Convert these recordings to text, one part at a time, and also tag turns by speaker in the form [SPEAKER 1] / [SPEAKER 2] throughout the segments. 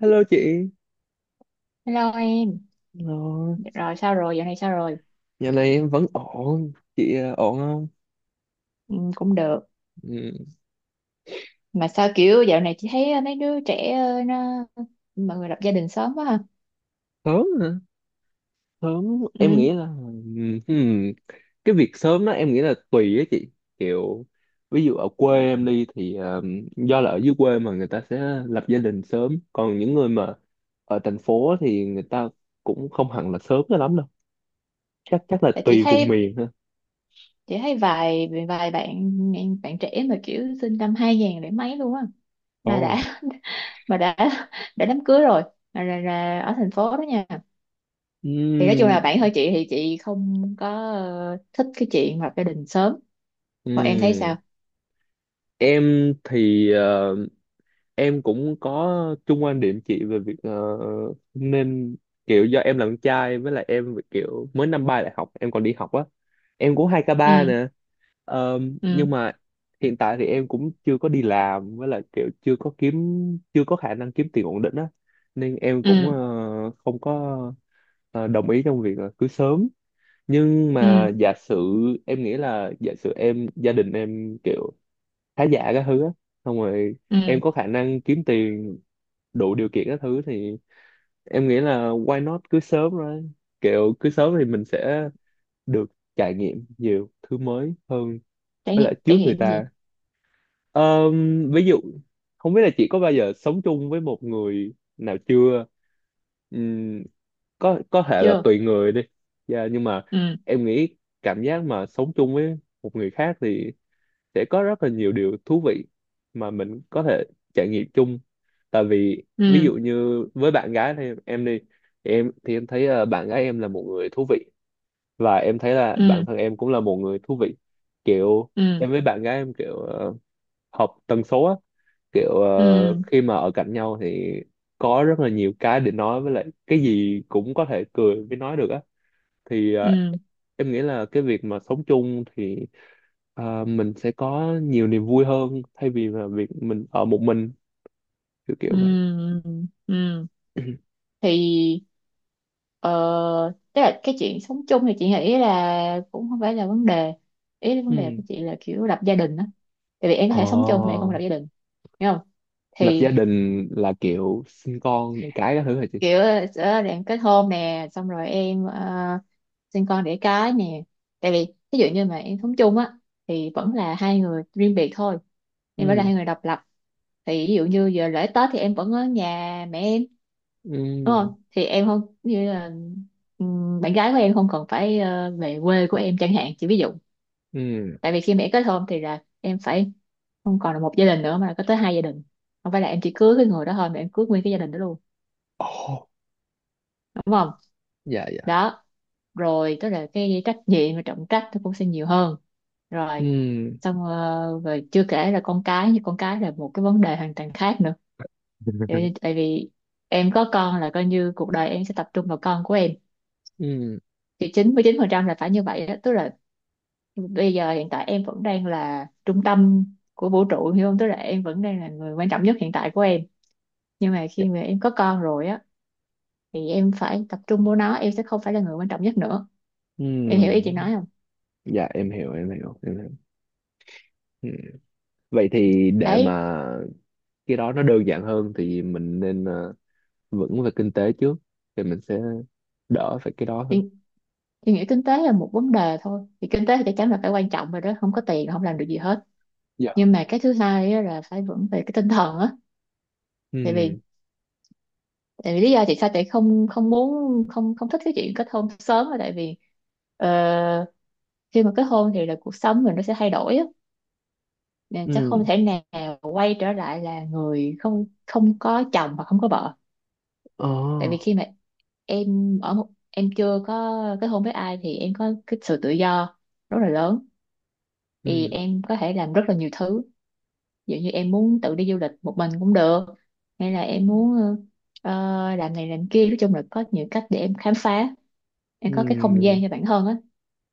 [SPEAKER 1] Hello chị.
[SPEAKER 2] Hello em,
[SPEAKER 1] Hello.
[SPEAKER 2] rồi sao rồi, dạo này sao rồi?
[SPEAKER 1] Dạo này em vẫn ổn, chị ổn không?
[SPEAKER 2] Ừ, cũng được.
[SPEAKER 1] Ừ.
[SPEAKER 2] Mà sao kiểu dạo này chị thấy mấy đứa trẻ nó mọi người lập gia đình sớm quá ha.
[SPEAKER 1] Sớm hả? Sớm, em
[SPEAKER 2] Ừ.
[SPEAKER 1] nghĩ là cái việc sớm đó em nghĩ là tùy á chị. Kiểu ví dụ ở quê em đi thì do là ở dưới quê mà người ta sẽ lập gia đình sớm, còn những người mà ở thành phố thì người ta cũng không hẳn là sớm cho lắm đâu. Chắc chắc là
[SPEAKER 2] Tại chị
[SPEAKER 1] tùy vùng
[SPEAKER 2] thấy
[SPEAKER 1] miền ha.
[SPEAKER 2] chị thấy vài vài bạn bạn trẻ mà kiểu sinh năm 2000 để mấy luôn á mà
[SPEAKER 1] Ồ.
[SPEAKER 2] đã mà đã đám cưới rồi mà là ở thành phố đó nha. Thì nói chung
[SPEAKER 1] Ừm,
[SPEAKER 2] là bạn hơi chị thì chị không có thích cái chuyện lập gia đình sớm. Còn em thấy
[SPEAKER 1] ừm.
[SPEAKER 2] sao?
[SPEAKER 1] Em thì em cũng có chung quan điểm chị về việc nên kiểu do em là con trai với lại em kiểu mới năm 3 đại học em còn đi học á, em cũng 2k3
[SPEAKER 2] Ừ.
[SPEAKER 1] nè. Ờ,
[SPEAKER 2] Ừ.
[SPEAKER 1] nhưng mà hiện tại thì em cũng chưa có đi làm, với lại kiểu chưa có khả năng kiếm tiền ổn định á, nên em
[SPEAKER 2] Ừ.
[SPEAKER 1] cũng không có đồng ý trong việc là cưới sớm, nhưng mà
[SPEAKER 2] Ừ.
[SPEAKER 1] giả sử em nghĩ là giả sử em gia đình em kiểu khá giả các thứ á, xong rồi
[SPEAKER 2] Ừ.
[SPEAKER 1] em có khả năng kiếm tiền đủ điều kiện các thứ thì em nghĩ là why not, cứ sớm rồi kiểu cứ sớm thì mình sẽ được trải nghiệm nhiều thứ mới hơn
[SPEAKER 2] trải
[SPEAKER 1] với
[SPEAKER 2] nghiệm
[SPEAKER 1] lại
[SPEAKER 2] trải
[SPEAKER 1] trước người
[SPEAKER 2] nghiệm
[SPEAKER 1] ta.
[SPEAKER 2] gì?
[SPEAKER 1] Ví dụ không biết là chị có bao giờ sống chung với một người nào chưa. Ừm, có thể là
[SPEAKER 2] Chưa.
[SPEAKER 1] tùy người đi. Dạ, nhưng mà
[SPEAKER 2] Ừ.
[SPEAKER 1] em nghĩ cảm giác mà sống chung với một người khác thì sẽ có rất là nhiều điều thú vị mà mình có thể trải nghiệm chung, tại vì ví
[SPEAKER 2] Ừ.
[SPEAKER 1] dụ như với bạn gái thì em đi, thì em thấy bạn gái em là một người thú vị và em thấy là
[SPEAKER 2] Ừ.
[SPEAKER 1] bản thân em cũng là một người thú vị, kiểu
[SPEAKER 2] Ừ.
[SPEAKER 1] em với bạn gái em kiểu hợp tần số á, kiểu
[SPEAKER 2] Ừ.
[SPEAKER 1] khi mà ở cạnh nhau thì có rất là nhiều cái để nói, với lại cái gì cũng có thể cười với nói được á, thì
[SPEAKER 2] Ừ.
[SPEAKER 1] em nghĩ là cái việc mà sống chung thì mình sẽ có nhiều niềm vui hơn thay vì là việc mình ở một mình, kiểu
[SPEAKER 2] Ừ.
[SPEAKER 1] kiểu vậy.
[SPEAKER 2] Ừ. Thì tức là cái chuyện sống chung thì chị nghĩ là cũng không phải là vấn đề, ý là vấn đề
[SPEAKER 1] Ừ.
[SPEAKER 2] của chị là kiểu lập gia đình á. Tại vì em có
[SPEAKER 1] Ờ,
[SPEAKER 2] thể sống chung mà em không lập gia đình, hiểu không?
[SPEAKER 1] Lập gia
[SPEAKER 2] Thì
[SPEAKER 1] đình là kiểu sinh con đẻ cái các thứ hả chị?
[SPEAKER 2] kiểu sẽ làm kết hôn nè xong rồi em sinh con đẻ cái nè. Tại vì ví dụ như mà em sống chung á thì vẫn là hai người riêng biệt thôi, em vẫn là
[SPEAKER 1] Ừ.
[SPEAKER 2] hai người độc lập. Thì ví dụ như giờ lễ Tết thì em vẫn ở nhà mẹ em đúng
[SPEAKER 1] Ừ.
[SPEAKER 2] không, thì em không như là bạn gái của em không cần phải về quê của em chẳng hạn, chỉ ví dụ.
[SPEAKER 1] Ừ.
[SPEAKER 2] Tại vì khi mà em kết hôn thì là em phải không còn là một gia đình nữa mà là có tới hai gia đình, không phải là em chỉ cưới cái người đó thôi mà em cưới nguyên cái gia đình đó luôn,
[SPEAKER 1] Ồ,
[SPEAKER 2] đúng không.
[SPEAKER 1] dạ dạ.
[SPEAKER 2] Đó. Rồi tức là cái trách nhiệm và trọng trách nó cũng sẽ nhiều hơn rồi.
[SPEAKER 1] Ừ.
[SPEAKER 2] Xong rồi chưa kể là con cái, như con cái là một cái vấn đề hoàn toàn khác nữa. tại tại vì em có con là coi như cuộc đời em sẽ tập trung vào con của em.
[SPEAKER 1] Ừ.
[SPEAKER 2] Thì 99% là phải như vậy đó, tức là bây giờ hiện tại em vẫn đang là trung tâm của vũ trụ hiểu không, tức là em vẫn đang là người quan trọng nhất hiện tại của em. Nhưng mà
[SPEAKER 1] Dạ.
[SPEAKER 2] khi mà em có con rồi á thì em phải tập trung vô nó, em sẽ không phải là người quan trọng nhất nữa.
[SPEAKER 1] Ừ.
[SPEAKER 2] Em hiểu ý chị nói không?
[SPEAKER 1] Dạ, em hiểu em hiểu em hiểu. Ừ. Vậy thì để
[SPEAKER 2] Đấy.
[SPEAKER 1] mà cái đó nó đơn giản hơn thì mình nên vững về kinh tế trước, thì mình sẽ đỡ phải cái đó hơn.
[SPEAKER 2] Chị nghĩ kinh tế là một vấn đề thôi, thì kinh tế thì chắc chắn là phải quan trọng rồi đó, không có tiền là không làm được gì hết.
[SPEAKER 1] Dạ.
[SPEAKER 2] Nhưng mà cái thứ hai á là phải vững về cái tinh thần á. tại vì
[SPEAKER 1] Ừ.
[SPEAKER 2] tại vì lý do tại sao chị không không muốn không không thích cái chuyện kết hôn sớm là tại vì ờ, khi mà kết hôn thì là cuộc sống mình nó sẽ thay đổi á nên sẽ
[SPEAKER 1] Ừ.
[SPEAKER 2] không thể nào quay trở lại là người không không có chồng hoặc không có vợ.
[SPEAKER 1] Ờ.
[SPEAKER 2] Tại vì khi mà em ở một, em chưa có kết hôn với ai thì em có cái sự tự do rất là lớn. Thì
[SPEAKER 1] Ừ.
[SPEAKER 2] em có thể làm rất là nhiều thứ. Ví dụ như em muốn tự đi du lịch một mình cũng được, hay là em muốn làm này làm kia, nói chung là có nhiều cách để em khám phá, em có cái không
[SPEAKER 1] Ừ.
[SPEAKER 2] gian cho bản thân á.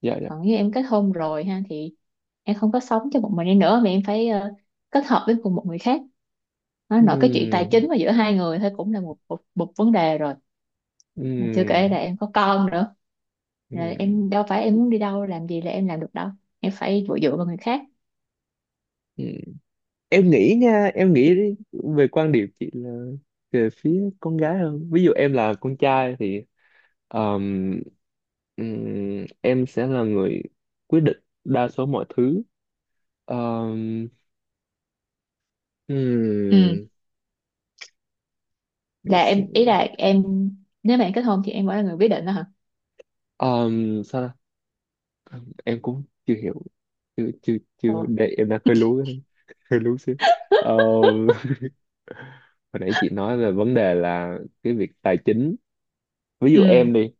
[SPEAKER 1] Dạ dạ.
[SPEAKER 2] Còn như em kết hôn rồi ha thì em không có sống cho một mình em nữa mà em phải kết hợp với cùng một người khác. Nó
[SPEAKER 1] Ừ.
[SPEAKER 2] nói cái chuyện tài chính mà giữa hai người thôi cũng là một một, một vấn đề rồi. Mà chưa kể
[SPEAKER 1] Ừ.
[SPEAKER 2] là em có con nữa,
[SPEAKER 1] Ừ.
[SPEAKER 2] là em đâu phải em muốn đi đâu làm gì là em làm được đâu, em phải dựa dựa vào người khác.
[SPEAKER 1] Ừ. Em nghĩ nha, em nghĩ đi, về quan điểm chị là về phía con gái hơn, ví dụ em là con trai thì ờm, em sẽ là người quyết định đa số mọi thứ. Ờm,
[SPEAKER 2] Ừ.
[SPEAKER 1] ừm, để
[SPEAKER 2] Là em, ý
[SPEAKER 1] xem.
[SPEAKER 2] là em nếu mà em kết hôn thì em vẫn là người quyết định đó hả?
[SPEAKER 1] Sao ta? Em cũng chưa hiểu, chưa chưa
[SPEAKER 2] Ồ.
[SPEAKER 1] chưa, để em đang hơi lú cái đó. Hơi lú xíu. Ờ, Hồi nãy chị nói về vấn đề là cái việc tài chính, ví dụ
[SPEAKER 2] Ừ.
[SPEAKER 1] em đi,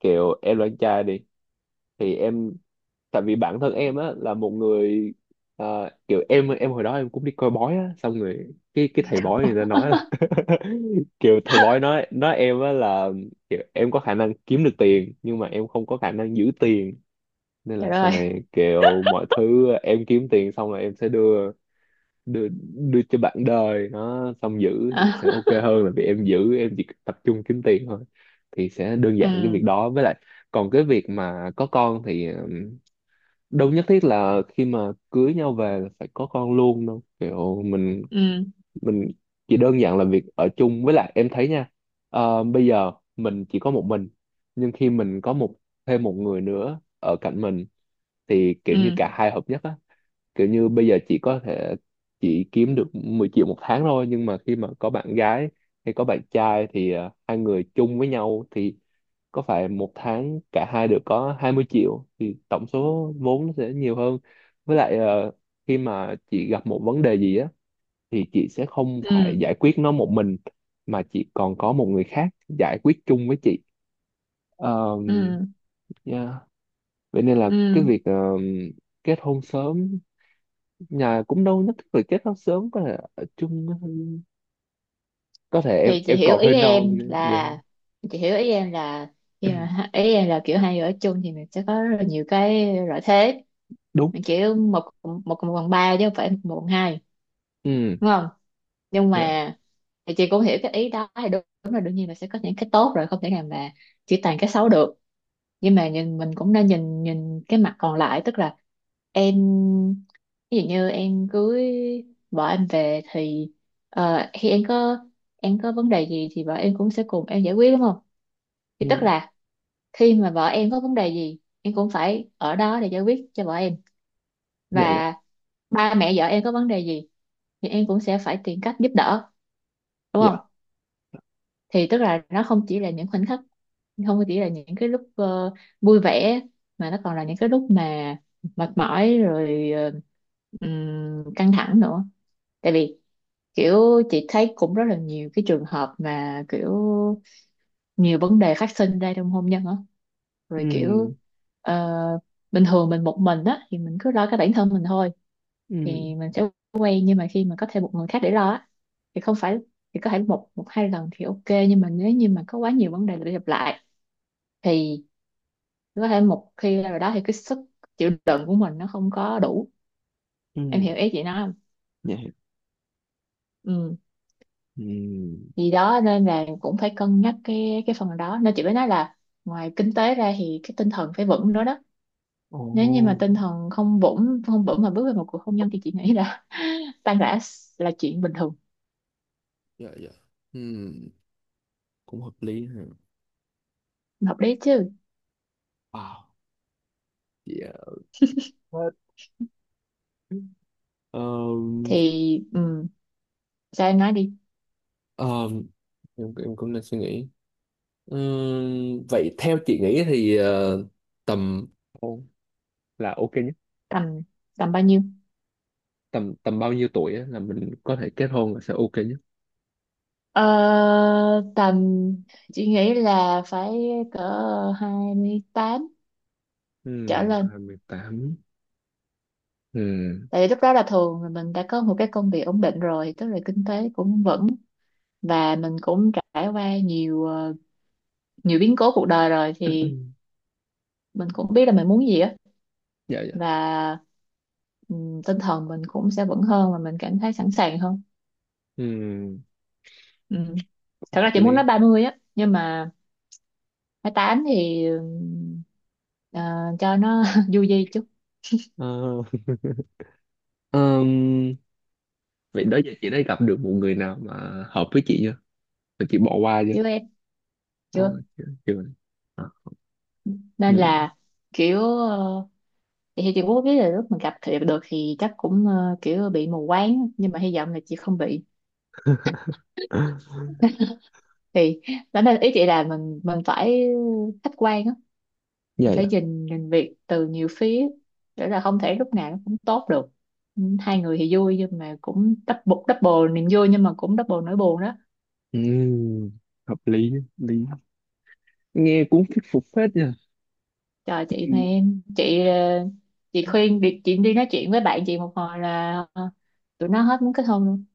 [SPEAKER 1] kiểu em là anh trai đi, thì em tại vì bản thân em á là một người kiểu em hồi đó em cũng đi coi bói á, xong rồi cái thầy bói người ta nói là kiểu thầy bói nói em á là kiểu em có khả năng kiếm được tiền nhưng mà em không có khả năng giữ tiền, nên
[SPEAKER 2] Trời
[SPEAKER 1] là sau
[SPEAKER 2] ơi.
[SPEAKER 1] này kiểu mọi thứ em kiếm tiền xong là em sẽ đưa đưa, đưa cho bạn đời nó xong giữ, thì
[SPEAKER 2] À.
[SPEAKER 1] sẽ ok hơn là vì em giữ, em chỉ tập trung kiếm tiền thôi thì sẽ đơn
[SPEAKER 2] Ừ.
[SPEAKER 1] giản cái việc đó. Với lại còn cái việc mà có con thì đâu nhất thiết là khi mà cưới nhau về là phải có con luôn đâu, kiểu mình
[SPEAKER 2] Ừ.
[SPEAKER 1] mình chỉ đơn giản là việc ở chung. Với lại em thấy nha, bây giờ mình chỉ có một mình nhưng khi mình có một, thêm một người nữa ở cạnh mình thì kiểu như
[SPEAKER 2] Ừ.
[SPEAKER 1] cả hai hợp nhất á, kiểu như bây giờ chị có thể chỉ kiếm được 10 triệu một tháng thôi nhưng mà khi mà có bạn gái hay có bạn trai thì hai người chung với nhau thì có phải một tháng cả hai được có 20 triệu, thì tổng số vốn nó sẽ nhiều hơn, với lại khi mà chị gặp một vấn đề gì á thì chị sẽ không phải
[SPEAKER 2] Ừ.
[SPEAKER 1] giải quyết nó một mình, mà chị còn có một người khác giải quyết chung với chị. Ờ,
[SPEAKER 2] Ừ.
[SPEAKER 1] yeah. Vậy nên là cái
[SPEAKER 2] Ừ.
[SPEAKER 1] việc kết hôn sớm, nhà cũng đâu nhất thiết phải kết hôn sớm, có thể ở chung, có thể em
[SPEAKER 2] Thì
[SPEAKER 1] em còn hơi non dạ.
[SPEAKER 2] chị hiểu ý em là khi mà ý em là kiểu hai người ở chung thì mình sẽ có rất là nhiều cái lợi thế.
[SPEAKER 1] Đúng.
[SPEAKER 2] Mình kiểu một một cộng một bằng ba chứ không phải một bằng hai,
[SPEAKER 1] Ừ.
[SPEAKER 2] đúng không? Nhưng
[SPEAKER 1] Dạ.
[SPEAKER 2] mà thì chị cũng hiểu cái ý đó thì đúng, đúng là đương nhiên là sẽ có những cái tốt rồi, không thể nào mà chỉ toàn cái xấu được. Nhưng mà nhìn mình cũng nên nhìn nhìn cái mặt còn lại, tức là em ví dụ như em cưới vợ em về thì khi em có vấn đề gì thì vợ em cũng sẽ cùng em giải quyết, đúng không? Thì tức
[SPEAKER 1] Ừ.
[SPEAKER 2] là khi mà vợ em có vấn đề gì em cũng phải ở đó để giải quyết cho vợ em,
[SPEAKER 1] Dạ dạ
[SPEAKER 2] và ba mẹ vợ em có vấn đề gì thì em cũng sẽ phải tìm cách giúp đỡ, đúng
[SPEAKER 1] dạ.
[SPEAKER 2] không? Thì tức là nó không chỉ là những khoảnh khắc, không chỉ là những cái lúc vui vẻ mà nó còn là những cái lúc mà mệt mỏi rồi căng thẳng nữa. Tại vì kiểu chị thấy cũng rất là nhiều cái trường hợp mà kiểu nhiều vấn đề phát sinh ra trong hôn nhân á, rồi kiểu
[SPEAKER 1] Ừ.
[SPEAKER 2] ờ, bình thường mình một mình á thì mình cứ lo cái bản thân mình thôi.
[SPEAKER 1] Ừ.
[SPEAKER 2] Thì mình sẽ quen nhưng mà khi mà có thêm một người khác để lo á thì không phải, thì có thể một một hai lần thì ok nhưng mà nếu như mà có quá nhiều vấn đề để gặp lại thì có thể một khi rồi đó thì cái sức chịu đựng của mình nó không có đủ.
[SPEAKER 1] Ừ.
[SPEAKER 2] Em hiểu ý chị nói không?
[SPEAKER 1] Dạ.
[SPEAKER 2] Ừ.
[SPEAKER 1] Ừ.
[SPEAKER 2] Thì đó, nên là cũng phải cân nhắc cái phần đó, nên chị mới nói là ngoài kinh tế ra thì cái tinh thần phải vững nữa đó.
[SPEAKER 1] Ồ.
[SPEAKER 2] Nếu như mà tinh thần không vững không vững mà bước vào một cuộc hôn nhân thì chị nghĩ là tan rã là chuyện bình thường.
[SPEAKER 1] Dạ dạ. Ừ, cũng hợp lý ha.
[SPEAKER 2] Hợp lý chứ.
[SPEAKER 1] Wow. Dạ. Hết. Ờm,
[SPEAKER 2] Thì sao em nói đi.
[SPEAKER 1] ờm, em cũng đang suy nghĩ. Vậy theo chị nghĩ thì tầm là ok nhất,
[SPEAKER 2] Tầm. Tầm bao nhiêu.
[SPEAKER 1] tầm tầm bao nhiêu tuổi á là mình có thể kết hôn là sẽ ok nhất?
[SPEAKER 2] Ờ, Tầm chị nghĩ là phải cỡ 28
[SPEAKER 1] Ừ,
[SPEAKER 2] trở lên.
[SPEAKER 1] 28. Ừ.
[SPEAKER 2] Tại vì lúc đó là thường là mình đã có một cái công việc ổn định rồi, tức là kinh tế cũng vững, và mình cũng trải qua nhiều biến cố cuộc đời rồi thì mình cũng biết là mình muốn gì á.
[SPEAKER 1] Dạ dạ.
[SPEAKER 2] Và tinh thần mình cũng sẽ vững hơn và mình cảm thấy sẵn sàng hơn.
[SPEAKER 1] Ừ,
[SPEAKER 2] Ừ. Thật ra
[SPEAKER 1] hợp
[SPEAKER 2] chị muốn nói
[SPEAKER 1] lý.
[SPEAKER 2] 30 á nhưng mà 28 thì ờ, cho nó vui vui chút.
[SPEAKER 1] Ờ, ừm, Vậy đó giờ chị đã gặp được một người nào mà hợp với chị chưa, mà chị bỏ qua chưa?
[SPEAKER 2] Chứ em
[SPEAKER 1] Ờ,
[SPEAKER 2] chưa,
[SPEAKER 1] Chưa, chưa. Ờ.
[SPEAKER 2] nên
[SPEAKER 1] Ừ.
[SPEAKER 2] là kiểu thì chị cũng biết là lúc mình gặp thì được thì chắc cũng kiểu bị mù quáng nhưng mà hy vọng là chị không bị. Thì đó nên ý chị là mình phải khách quan á,
[SPEAKER 1] Dạ
[SPEAKER 2] mình phải
[SPEAKER 1] dạ.
[SPEAKER 2] nhìn nhìn việc từ nhiều phía, để là không thể lúc nào nó cũng tốt được. Ừ, hai người thì vui nhưng mà cũng double double niềm vui nhưng mà cũng double nỗi buồn đó.
[SPEAKER 1] Ừm, Hợp lý hợp lý, nghe cũng thuyết phục phết nha.
[SPEAKER 2] Chờ chị, mà
[SPEAKER 1] Ừm,
[SPEAKER 2] em chị chị khuyên đi, chị đi nói chuyện với bạn chị một hồi là tụi nó hết muốn kết hôn luôn.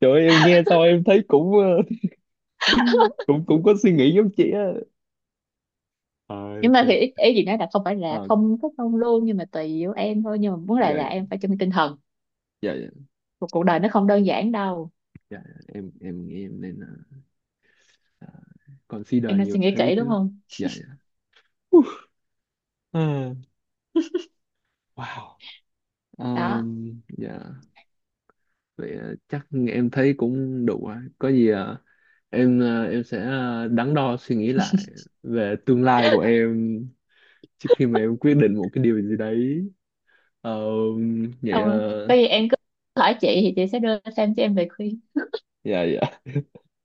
[SPEAKER 1] Trời ơi, em nghe sao em thấy cũng cũng cũng có suy nghĩ giống chị á. ờ
[SPEAKER 2] Nhưng mà thì
[SPEAKER 1] Trời.
[SPEAKER 2] ý chị nói là không phải là
[SPEAKER 1] Ờ,
[SPEAKER 2] không kết hôn luôn nhưng mà tùy vô em thôi, nhưng mà muốn lại
[SPEAKER 1] dạ
[SPEAKER 2] là
[SPEAKER 1] dạ.
[SPEAKER 2] em phải chuẩn bị tinh thần.
[SPEAKER 1] Dạ dạ.
[SPEAKER 2] Cuộc cuộc đời nó không đơn giản đâu.
[SPEAKER 1] dạ dạ. Em nghĩ em nên Ờ,
[SPEAKER 2] Em
[SPEAKER 1] consider
[SPEAKER 2] nên
[SPEAKER 1] nhiều
[SPEAKER 2] suy nghĩ
[SPEAKER 1] thứ
[SPEAKER 2] kỹ đúng
[SPEAKER 1] chứ.
[SPEAKER 2] không.
[SPEAKER 1] Dạ dạ. Uh, Ờ, wow.
[SPEAKER 2] Đó.
[SPEAKER 1] Dạ. Vậy chắc em thấy cũng đủ rồi, có gì em sẽ đắn đo suy nghĩ lại về tương lai của em trước khi mà em quyết định một cái điều gì đấy. Vậy
[SPEAKER 2] Không rồi, có gì em cứ hỏi chị thì chị sẽ đưa thêm cho em về khuyên.
[SPEAKER 1] dạ dạ.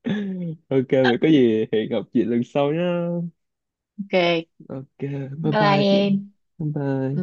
[SPEAKER 1] Ok, vậy có gì hẹn gặp chị lần sau nhá.
[SPEAKER 2] Ok
[SPEAKER 1] Ok, bye.
[SPEAKER 2] bye.
[SPEAKER 1] Bye
[SPEAKER 2] Bye
[SPEAKER 1] chị.
[SPEAKER 2] em.
[SPEAKER 1] Bye
[SPEAKER 2] Ừ.
[SPEAKER 1] bye.